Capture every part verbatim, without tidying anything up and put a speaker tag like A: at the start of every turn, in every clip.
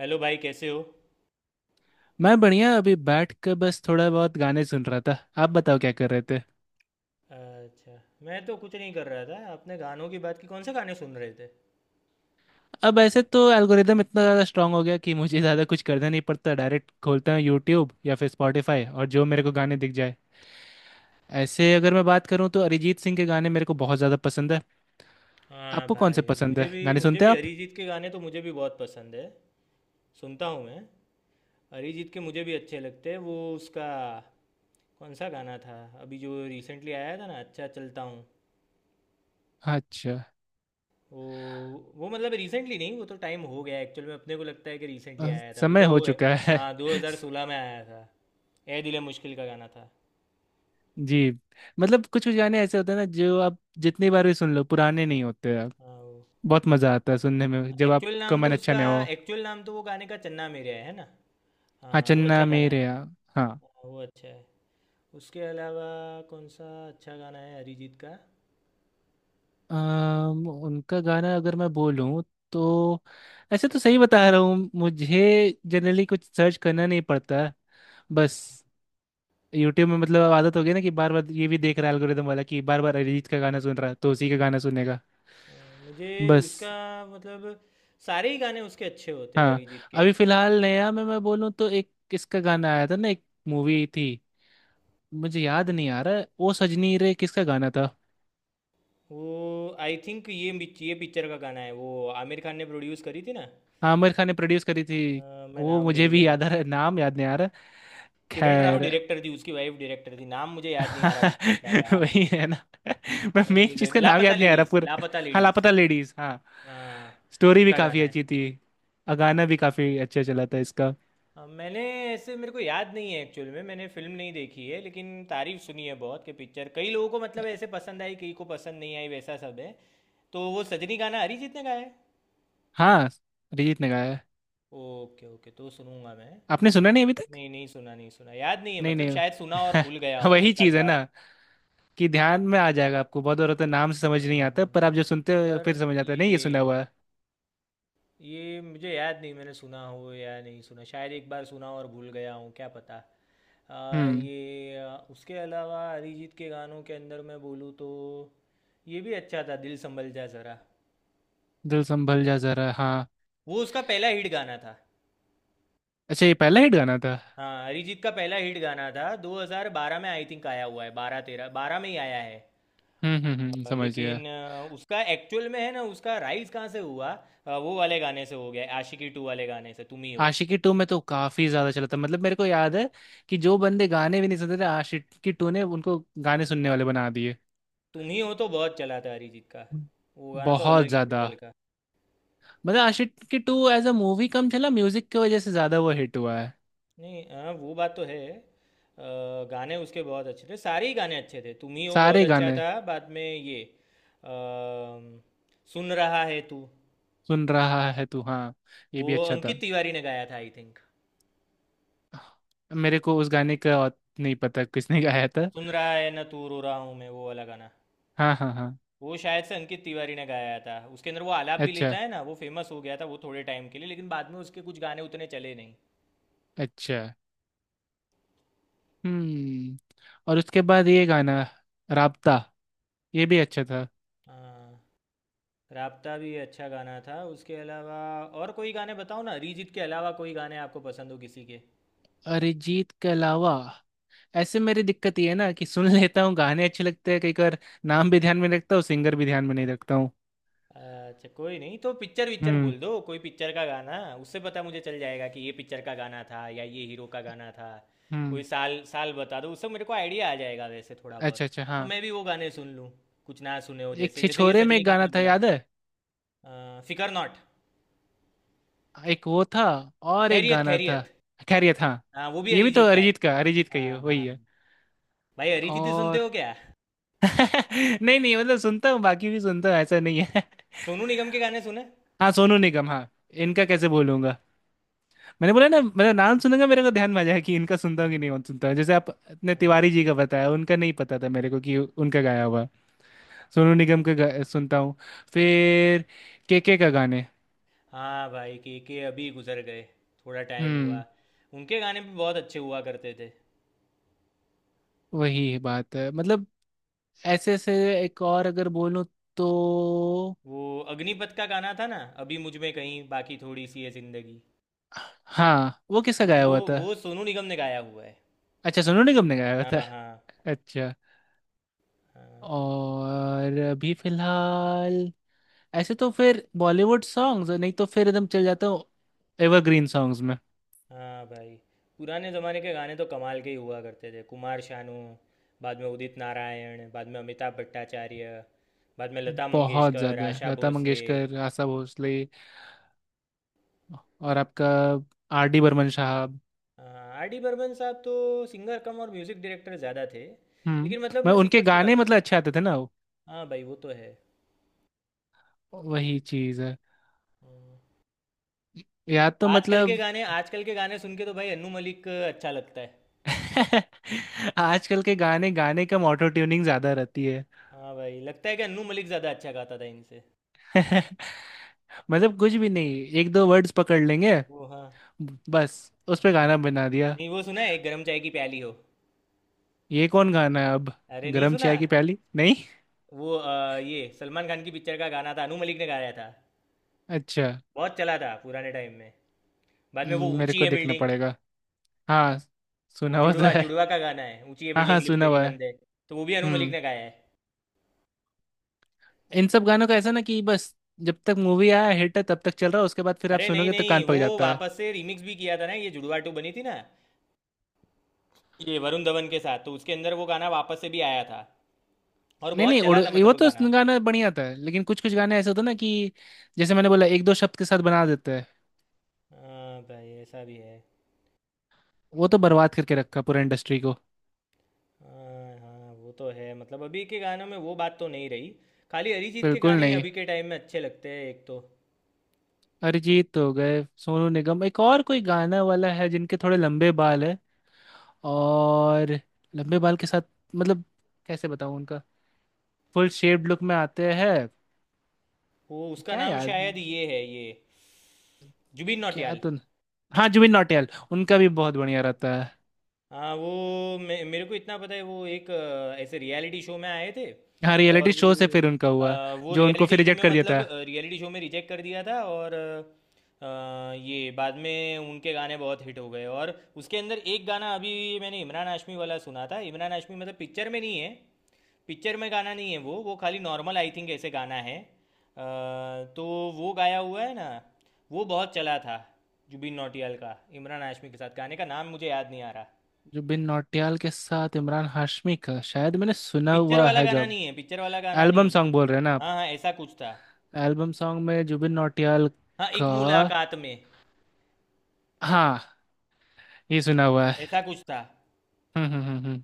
A: Hello भाई कैसे हो।
B: मैं बढ़िया अभी बैठ कर बस थोड़ा बहुत गाने सुन रहा था। आप बताओ क्या कर रहे थे।
A: अच्छा। मैं तो कुछ नहीं कर रहा था। आपने गानों की बात की, कौन से गाने सुन रहे थे?
B: अब ऐसे तो एल्गोरिदम इतना ज़्यादा स्ट्रांग हो गया कि मुझे ज़्यादा कुछ करना नहीं पड़ता, डायरेक्ट खोलता हूँ यूट्यूब या फिर स्पॉटिफाई और जो मेरे को गाने दिख जाए। ऐसे अगर मैं बात करूँ तो अरिजीत सिंह के गाने मेरे को बहुत ज़्यादा पसंद है।
A: हाँ
B: आपको कौन से
A: भाई,
B: पसंद
A: मुझे
B: है,
A: भी
B: गाने
A: मुझे
B: सुनते
A: भी
B: हैं आप?
A: अरिजीत के गाने तो मुझे भी बहुत पसंद है। सुनता हूँ मैं। अरिजीत के मुझे भी अच्छे लगते हैं, वो उसका कौन सा गाना था अभी जो रिसेंटली आया था ना, अच्छा चलता हूँ।
B: अच्छा।
A: वो वो मतलब रिसेंटली नहीं, वो तो टाइम हो गया एक्चुअल में, अपने को लगता है कि रिसेंटली
B: अ,
A: आया था वो
B: समय
A: तो।
B: हो चुका है।
A: हाँ, दो हज़ार सोलह में आया था। ए दिल है मुश्किल का गाना था।
B: जी। मतलब कुछ कुछ गाने ऐसे होते हैं ना जो आप जितनी बार भी सुन लो पुराने नहीं होते। आप
A: हाँ वो
B: बहुत मज़ा आता है सुनने में जब
A: एक्चुअल
B: आपका
A: नाम
B: मन
A: तो
B: अच्छा
A: उसका
B: ना हो।
A: एक्चुअल नाम तो वो गाने का चन्ना मेरेया है है ना।
B: हाँ,
A: हाँ वो अच्छा
B: चन्ना
A: गाना है।
B: मेरेया। हाँ।
A: हाँ, वो अच्छा है। उसके अलावा कौन सा अच्छा गाना है अरिजीत का?
B: अम, उनका गाना अगर मैं बोलूँ तो ऐसे तो सही बता रहा हूँ, मुझे जनरली कुछ सर्च करना नहीं पड़ता। बस यूट्यूब में मतलब अब आदत हो गई ना कि बार बार ये भी देख रहा है एल्गोरिदम वाला कि बार बार अरिजीत का गाना सुन रहा है तो उसी का गाना सुनेगा।
A: अ, मुझे
B: बस।
A: उसका मतलब सारे ही गाने उसके अच्छे होते हैं
B: हाँ,
A: अरिजीत के।
B: अभी फिलहाल नया में मैं बोलूँ तो एक किसका गाना आया था ना, एक मूवी थी। मुझे याद नहीं आ रहा है, ओ सजनी रे किसका गाना था।
A: वो आई थिंक ये मिच- ये पिक्चर का गाना है वो। आमिर खान ने प्रोड्यूस करी थी ना।
B: हाँ, आमिर खान ने प्रोड्यूस करी थी।
A: अ, मैं
B: वो
A: नाम भूल
B: मुझे भी
A: गया।
B: याद आ रहा है, नाम याद नहीं आ रहा।
A: किरण राव
B: खैर,
A: डायरेक्टर थी, उसकी वाइफ डायरेक्टर थी, नाम मुझे याद नहीं आ रहा पिक्चर का यार।
B: वही है ना। मैं मेन
A: नहीं,
B: चीज का नाम
A: लापता
B: याद नहीं आ रहा
A: लेडीज,
B: पूरा।
A: लापता
B: हाँ,
A: लेडीज।
B: लापता लेडीज, हाँ।
A: हाँ
B: स्टोरी भी
A: उसका
B: काफी
A: गाना है।
B: अच्छी थी। और गाना भी काफी अच्छा चला था इसका।
A: हाँ, मैंने ऐसे मेरे को याद नहीं है एक्चुअल में, मैंने फिल्म नहीं देखी है लेकिन तारीफ सुनी है बहुत कि पिक्चर कई लोगों को मतलब ऐसे पसंद आई, कई को पसंद नहीं आई, वैसा सब है। तो वो सजनी गाना अरिजीत ने गाया है।
B: हाँ, अरिजीत ने गाया है।
A: ओके ओके, तो सुनूंगा मैं।
B: आपने सुना नहीं अभी तक?
A: नहीं नहीं सुना, नहीं सुना, याद नहीं है,
B: नहीं
A: मतलब शायद सुना और भूल गया
B: नहीं
A: हूँ
B: वही
A: एक आध
B: चीज है ना,
A: बार।
B: कि ध्यान में आ जाएगा आपको। बहुत औरत नाम से समझ
A: हाँ
B: नहीं आता
A: हाँ
B: पर आप
A: हाँ।
B: जो सुनते हो
A: पर
B: फिर समझ आता है नहीं ये सुना
A: ये
B: हुआ है।
A: ये मुझे याद नहीं, मैंने सुना हो या नहीं सुना, शायद एक बार सुना और भूल गया हूँ क्या पता। आ,
B: हम्म।
A: ये आ, उसके अलावा अरिजीत के गानों के अंदर मैं बोलूँ तो ये भी अच्छा था, दिल संभल जा ज़रा।
B: दिल संभल जा जरा, हाँ।
A: वो उसका पहला हिट गाना था।
B: अच्छा, ये पहला हिट गाना था।
A: हाँ अरिजीत का पहला हिट गाना था, दो हज़ार बारह में आई थिंक आया हुआ है, बारह तेरह बारह में ही आया है।
B: हम्म हम्म हम्म,
A: अ,
B: समझ गया।
A: लेकिन अ, उसका एक्चुअल में है ना उसका राइज कहाँ से हुआ, अ, वो वाले गाने से हो गया है, आशिकी टू वाले गाने से, तुम ही हो।
B: आशिकी टू में तो काफी ज्यादा चला था, मतलब मेरे को याद है कि जो बंदे गाने भी नहीं सुनते थे, आशिकी टू ने उनको गाने सुनने वाले बना दिए।
A: तुम ही हो तो बहुत चला था अरिजीत का। वो गाना तो
B: बहुत
A: अलग ही
B: ज्यादा।
A: लेवल का।
B: मतलब Aashiqui two as a movie कम चला, म्यूजिक की वजह से ज्यादा वो हिट हुआ है।
A: नहीं हाँ वो बात तो है। अ, गाने उसके बहुत अच्छे थे, सारे ही गाने अच्छे थे, तुम ही हो बहुत
B: सारे
A: अच्छा
B: गाने।
A: था, बाद में ये अम, सुन रहा है तू।
B: सुन रहा है तू, हाँ, ये
A: वो
B: भी अच्छा
A: अंकित
B: था।
A: तिवारी ने गाया था आई थिंक।
B: मेरे को उस गाने का और नहीं पता किसने गाया था।
A: सुन रहा है ना तू रो रहा हूँ मैं, वो वाला गाना
B: हाँ हाँ हाँ।
A: वो शायद से अंकित तिवारी ने गाया था। उसके अंदर वो आलाप भी लेता
B: अच्छा
A: है ना, वो फेमस हो गया था वो थोड़े टाइम के लिए, लेकिन बाद में उसके कुछ गाने उतने चले नहीं।
B: अच्छा। हम्म। और उसके बाद ये गाना, राबता, ये भी अच्छा था।
A: हाँ राब्ता भी अच्छा गाना था। उसके अलावा और कोई गाने बताओ ना, अरिजीत के अलावा कोई गाने आपको पसंद हो किसी के?
B: अरिजीत के अलावा ऐसे मेरी दिक्कत ये है ना कि सुन लेता हूँ गाने, अच्छे लगते हैं कई बार। नाम भी ध्यान में रखता हूँ, सिंगर भी ध्यान में नहीं रखता हूँ।
A: अच्छा कोई नहीं तो पिक्चर विक्चर
B: हम्म
A: बोल दो, कोई पिक्चर का गाना, उससे पता मुझे चल जाएगा कि ये पिक्चर का गाना था या ये हीरो का गाना था। कोई
B: हम्म।
A: साल साल बता दो, उससे मेरे को आइडिया आ जाएगा वैसे थोड़ा
B: अच्छा
A: बहुत।
B: अच्छा,
A: तो
B: हाँ।
A: मैं भी वो गाने सुन लूँ कुछ ना सुने हो,
B: एक
A: जैसे जैसे ये
B: छिछोरे में
A: सजनी
B: एक
A: का
B: गाना
A: आपने
B: था
A: बोला।
B: याद है,
A: अ, फिकर नॉट।
B: एक वो था। और एक
A: खैरियत
B: गाना था,
A: खैरियत।
B: खैर ये था।
A: हाँ वो भी
B: ये भी तो
A: अरिजीत का है।
B: अरिजीत का, अरिजीत का ये
A: हाँ
B: वही
A: हाँ
B: है।
A: भाई अरिजीत ही सुनते
B: और
A: हो क्या?
B: नहीं नहीं, मतलब सुनता हूँ, बाकी भी सुनता हूँ, ऐसा नहीं है।
A: सोनू निगम के गाने सुने।
B: हाँ, सोनू निगम, हाँ। इनका कैसे बोलूंगा, मैंने बोला ना, मतलब नाम सुनूंगा मेरे को ध्यान में आ जाएगा कि इनका सुनता हूँ कि
A: हम्म,
B: नहीं सुनता हूँ। जैसे आप अपने
A: हम्म।
B: तिवारी जी का बताया, उनका नहीं पता था मेरे को कि उनका गाया हुआ है। सोनू निगम के गा- सुनता हूँ। फिर केके का गाने।
A: हाँ भाई के के अभी गुजर गए, थोड़ा टाइम हुआ।
B: हम्म।
A: उनके गाने भी बहुत अच्छे हुआ करते थे।
B: वही बात है मतलब। ऐसे ऐसे एक और अगर बोलूँ तो।
A: वो अग्निपथ का गाना था ना, अभी मुझ में कहीं बाकी थोड़ी सी है जिंदगी,
B: हाँ, वो किसका गाया
A: वो
B: हुआ था?
A: वो सोनू निगम ने गाया हुआ है।
B: अच्छा, सोनू निगम ने गाया हुआ
A: हाँ
B: था।
A: हाँ
B: अच्छा।
A: हाँ।
B: और अभी फिलहाल ऐसे तो फिर बॉलीवुड सॉन्ग्स, नहीं तो फिर एकदम चल जाता हूँ एवरग्रीन सॉन्ग्स में।
A: हाँ भाई पुराने ज़माने के गाने तो कमाल के ही हुआ करते थे, कुमार शानू, बाद में उदित नारायण, बाद में अमिताभ भट्टाचार्य, बाद में लता
B: बहुत
A: मंगेशकर,
B: ज्यादा है।
A: आशा
B: लता
A: भोसले।
B: मंगेशकर, आशा भोसले, और आपका आर डी बर्मन साहब।
A: हाँ, आर डी बर्मन साहब तो सिंगर कम और म्यूज़िक डायरेक्टर ज़्यादा थे,
B: हम्म।
A: लेकिन मतलब
B: मैं
A: मैं
B: उनके
A: सिंगर्स की
B: गाने
A: बात करूँ।
B: मतलब अच्छे आते थे ना,
A: हाँ भाई वो तो है।
B: वही चीज है।
A: हाँ।
B: या तो
A: आजकल के
B: मतलब
A: गाने, आजकल के गाने सुन के तो भाई अन्नू मलिक अच्छा लगता है।
B: आजकल के गाने, गाने का ऑटो ट्यूनिंग ज्यादा रहती है।
A: हाँ भाई लगता है कि अन्नू मलिक ज़्यादा अच्छा गाता था इनसे।
B: मतलब कुछ भी नहीं, एक दो वर्ड्स पकड़ लेंगे,
A: वो हाँ
B: बस उस पे गाना बना दिया।
A: नहीं वो सुना है, एक गरम चाय की प्याली हो।
B: ये कौन गाना है अब?
A: अरे नहीं
B: गरम
A: सुना?
B: चाय की प्याली, नहीं।
A: वो अ, ये सलमान खान की पिक्चर का गाना था, अनु मलिक ने गाया था,
B: अच्छा।
A: बहुत चला था पुराने टाइम में। बाद में वो
B: हम्म, मेरे
A: ऊंची
B: को
A: है
B: देखना
A: बिल्डिंग।
B: पड़ेगा। हाँ,
A: वो
B: सुना हुआ तो
A: जुड़वा,
B: है।
A: जुड़वा का गाना है, ऊंची है
B: हाँ हाँ,
A: बिल्डिंग लिफ्ट
B: सुना
A: तेरी
B: हुआ है।
A: बंद है। तो वो भी अनु मलिक
B: हम्म।
A: ने गाया है।
B: इन सब गानों का ऐसा ना कि बस जब तक मूवी आया हिट है तब तक चल रहा है, उसके बाद फिर आप
A: अरे नहीं
B: सुनोगे तो
A: नहीं,
B: कान पक
A: वो
B: जाता है।
A: वापस से रिमिक्स भी किया था ना, ये जुड़वा टू बनी थी ना, ये वरुण धवन के साथ, तो उसके अंदर वो गाना वापस से भी आया था और
B: नहीं
A: बहुत
B: नहीं उड़
A: चला था
B: ये,
A: मतलब
B: वो
A: वो गाना।
B: तो गाना बढ़िया था, लेकिन कुछ कुछ गाने ऐसे होते हैं ना कि जैसे मैंने बोला, एक दो शब्द के साथ बना देता है।
A: हाँ भाई ऐसा भी है।
B: वो तो बर्बाद करके रखा पूरा इंडस्ट्री को।
A: हाँ हाँ वो तो है, मतलब अभी के गानों में वो बात तो नहीं रही। खाली अरिजीत के
B: बिल्कुल
A: गाने ही
B: नहीं।
A: अभी के टाइम में अच्छे लगते हैं एक तो।
B: अरिजीत हो गए, सोनू निगम, एक और कोई गाना वाला है जिनके थोड़े लंबे बाल है। और लंबे बाल के साथ मतलब कैसे बताऊँ उनका, फुल शेप्ड लुक में आते हैं।
A: वो उसका
B: क्या
A: नाम
B: यार,
A: शायद ये है, ये जुबिन
B: क्या
A: नौटियाल।
B: तो। हाँ, जुबिन नौटियाल, उनका भी बहुत बढ़िया रहता है।
A: हाँ वो मे, मेरे को इतना पता है वो एक अ, ऐसे रियलिटी शो में आए थे।
B: हाँ,
A: और
B: रियलिटी
A: वो
B: शो से फिर उनका हुआ।
A: अ, वो
B: जो उनको
A: रियलिटी
B: फिर
A: शो
B: रिजेक्ट
A: में
B: कर दिया था।
A: मतलब रियलिटी शो में रिजेक्ट कर दिया था, और अ, ये बाद में उनके गाने बहुत हिट हो गए। और उसके अंदर एक गाना अभी मैंने इमरान हाशमी वाला सुना था, इमरान हाशमी मतलब पिक्चर में नहीं है, पिक्चर में गाना नहीं है, वो वो खाली नॉर्मल आई थिंक ऐसे गाना है। अ, तो वो गाया हुआ है ना, वो बहुत चला था। जुबिन नौटियाल का इमरान हाशमी के साथ गाने का नाम मुझे याद नहीं आ रहा।
B: जुबिन नौटियाल के साथ इमरान हाशमी का शायद मैंने सुना
A: पिक्चर
B: हुआ
A: वाला
B: है,
A: गाना
B: जब
A: नहीं है, पिक्चर वाला गाना नहीं
B: एल्बम
A: है।
B: सॉन्ग बोल रहे हैं ना आप।
A: हाँ हाँ ऐसा कुछ था।
B: एल्बम सॉन्ग में जुबिन नौटियाल
A: हाँ एक
B: का,
A: मुलाकात में,
B: हाँ, ये सुना हुआ है।
A: ऐसा कुछ था।
B: हम्म हम्म हम्म हम्म।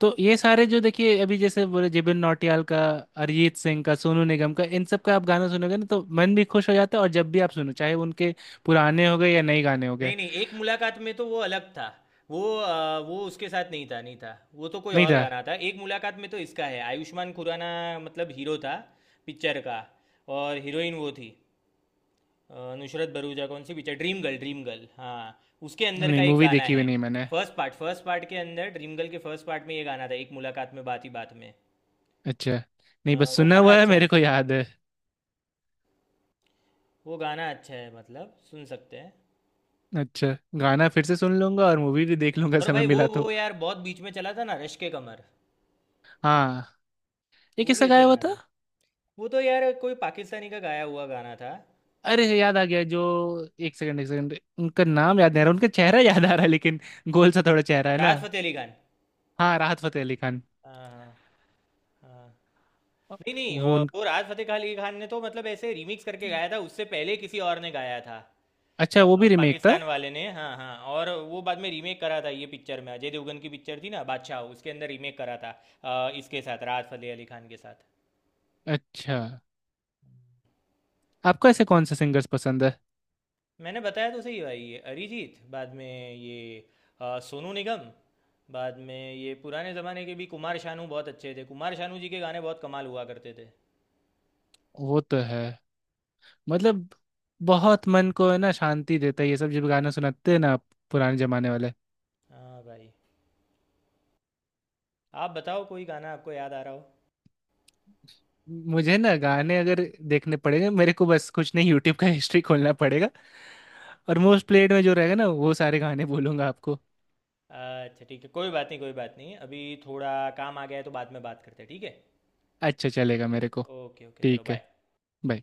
B: तो ये सारे जो देखिए, अभी जैसे बोले जुबिन नौटियाल का, अरिजीत सिंह का, सोनू निगम का, इन सब का आप गाना सुनोगे ना तो मन भी खुश हो जाता है, और जब भी आप सुनो चाहे उनके पुराने हो गए या नए गाने हो गए।
A: नहीं नहीं एक मुलाकात में तो वो अलग था। वो अ, वो उसके साथ नहीं था, नहीं था। वो तो कोई
B: नहीं
A: और
B: था।
A: गाना था। एक मुलाकात में तो इसका है आयुष्मान खुराना, मतलब हीरो था पिक्चर का। और हीरोइन वो थी अ, नुसरत भरूचा। कौन सी picture? Dream Girl, Dream Girl हाँ। उसके अंदर
B: नहीं,
A: का एक
B: मूवी
A: गाना
B: देखी
A: है,
B: हुई नहीं मैंने।
A: फर्स्ट पार्ट, फर्स्ट पार्ट के अंदर, ड्रीम गर्ल के फर्स्ट पार्ट में ये गाना था, एक मुलाकात में बात ही बात में।
B: अच्छा।
A: अ,
B: नहीं, बस
A: वो
B: सुना
A: गाना
B: हुआ है,
A: अच्छा है।
B: मेरे को याद है।
A: वो गाना अच्छा है, मतलब सुन सकते हैं।
B: अच्छा, गाना फिर से सुन लूंगा, और मूवी भी देख लूंगा
A: और
B: समय
A: भाई वो
B: मिला तो।
A: वो यार बहुत बीच में चला था ना, रश्क कमर।
B: हाँ, ये
A: वो भी
B: किसका
A: अच्छा
B: गाया हुआ
A: गाना
B: था?
A: था। वो तो यार कोई पाकिस्तानी का गाया हुआ गाना था।
B: अरे याद आ गया जो, एक सेकंड एक सेकंड, उनका नाम याद नहीं आ रहा, उनका चेहरा याद आ रहा है लेकिन। गोल सा थोड़ा चेहरा है ना।
A: राहत फ़तेह अली खान।
B: हाँ, राहत फतेह अली खान।
A: हाँ हाँ हाँ। नहीं नहीं
B: वो
A: अ,
B: उन...
A: वो राहत फ़तेह अली खान ने तो मतलब ऐसे रिमिक्स करके गाया था, उससे पहले किसी और ने गाया था।
B: अच्छा,
A: अ,
B: वो भी रीमेक था।
A: पाकिस्तान वाले ने, हाँ हाँ। और वो बाद में रीमेक करा था, ये पिक्चर में अजय देवगन की पिक्चर थी ना बादशाह, उसके अंदर रीमेक करा था, अ, इसके साथ राहत फ़तेह अली खान के साथ।
B: अच्छा। आपको ऐसे कौन से सिंगर्स पसंद है?
A: मैंने बताया तो सही भाई, ये अरिजीत बाद में ये अ, सोनू निगम, बाद में ये पुराने ज़माने के भी कुमार शानू बहुत अच्छे थे, कुमार शानू जी के गाने बहुत कमाल हुआ करते थे।
B: वो तो है मतलब, बहुत मन को है ना, शांति देता है ये सब जब गाना सुनाते हैं ना आप, पुराने जमाने वाले।
A: हाँ भाई आप बताओ कोई गाना आपको याद आ रहा हो।
B: मुझे ना गाने अगर देखने पड़ेंगे, मेरे को बस कुछ नहीं, यूट्यूब का हिस्ट्री खोलना पड़ेगा, और मोस्ट प्लेड में जो रहेगा ना वो सारे गाने बोलूंगा आपको।
A: अच्छा ठीक है, कोई बात नहीं, कोई बात नहीं। अभी थोड़ा काम आ गया है, तो बाद में बात करते हैं, ठीक है?
B: अच्छा, चलेगा मेरे को।
A: ओके ओके चलो
B: ठीक है,
A: बाय।
B: bye.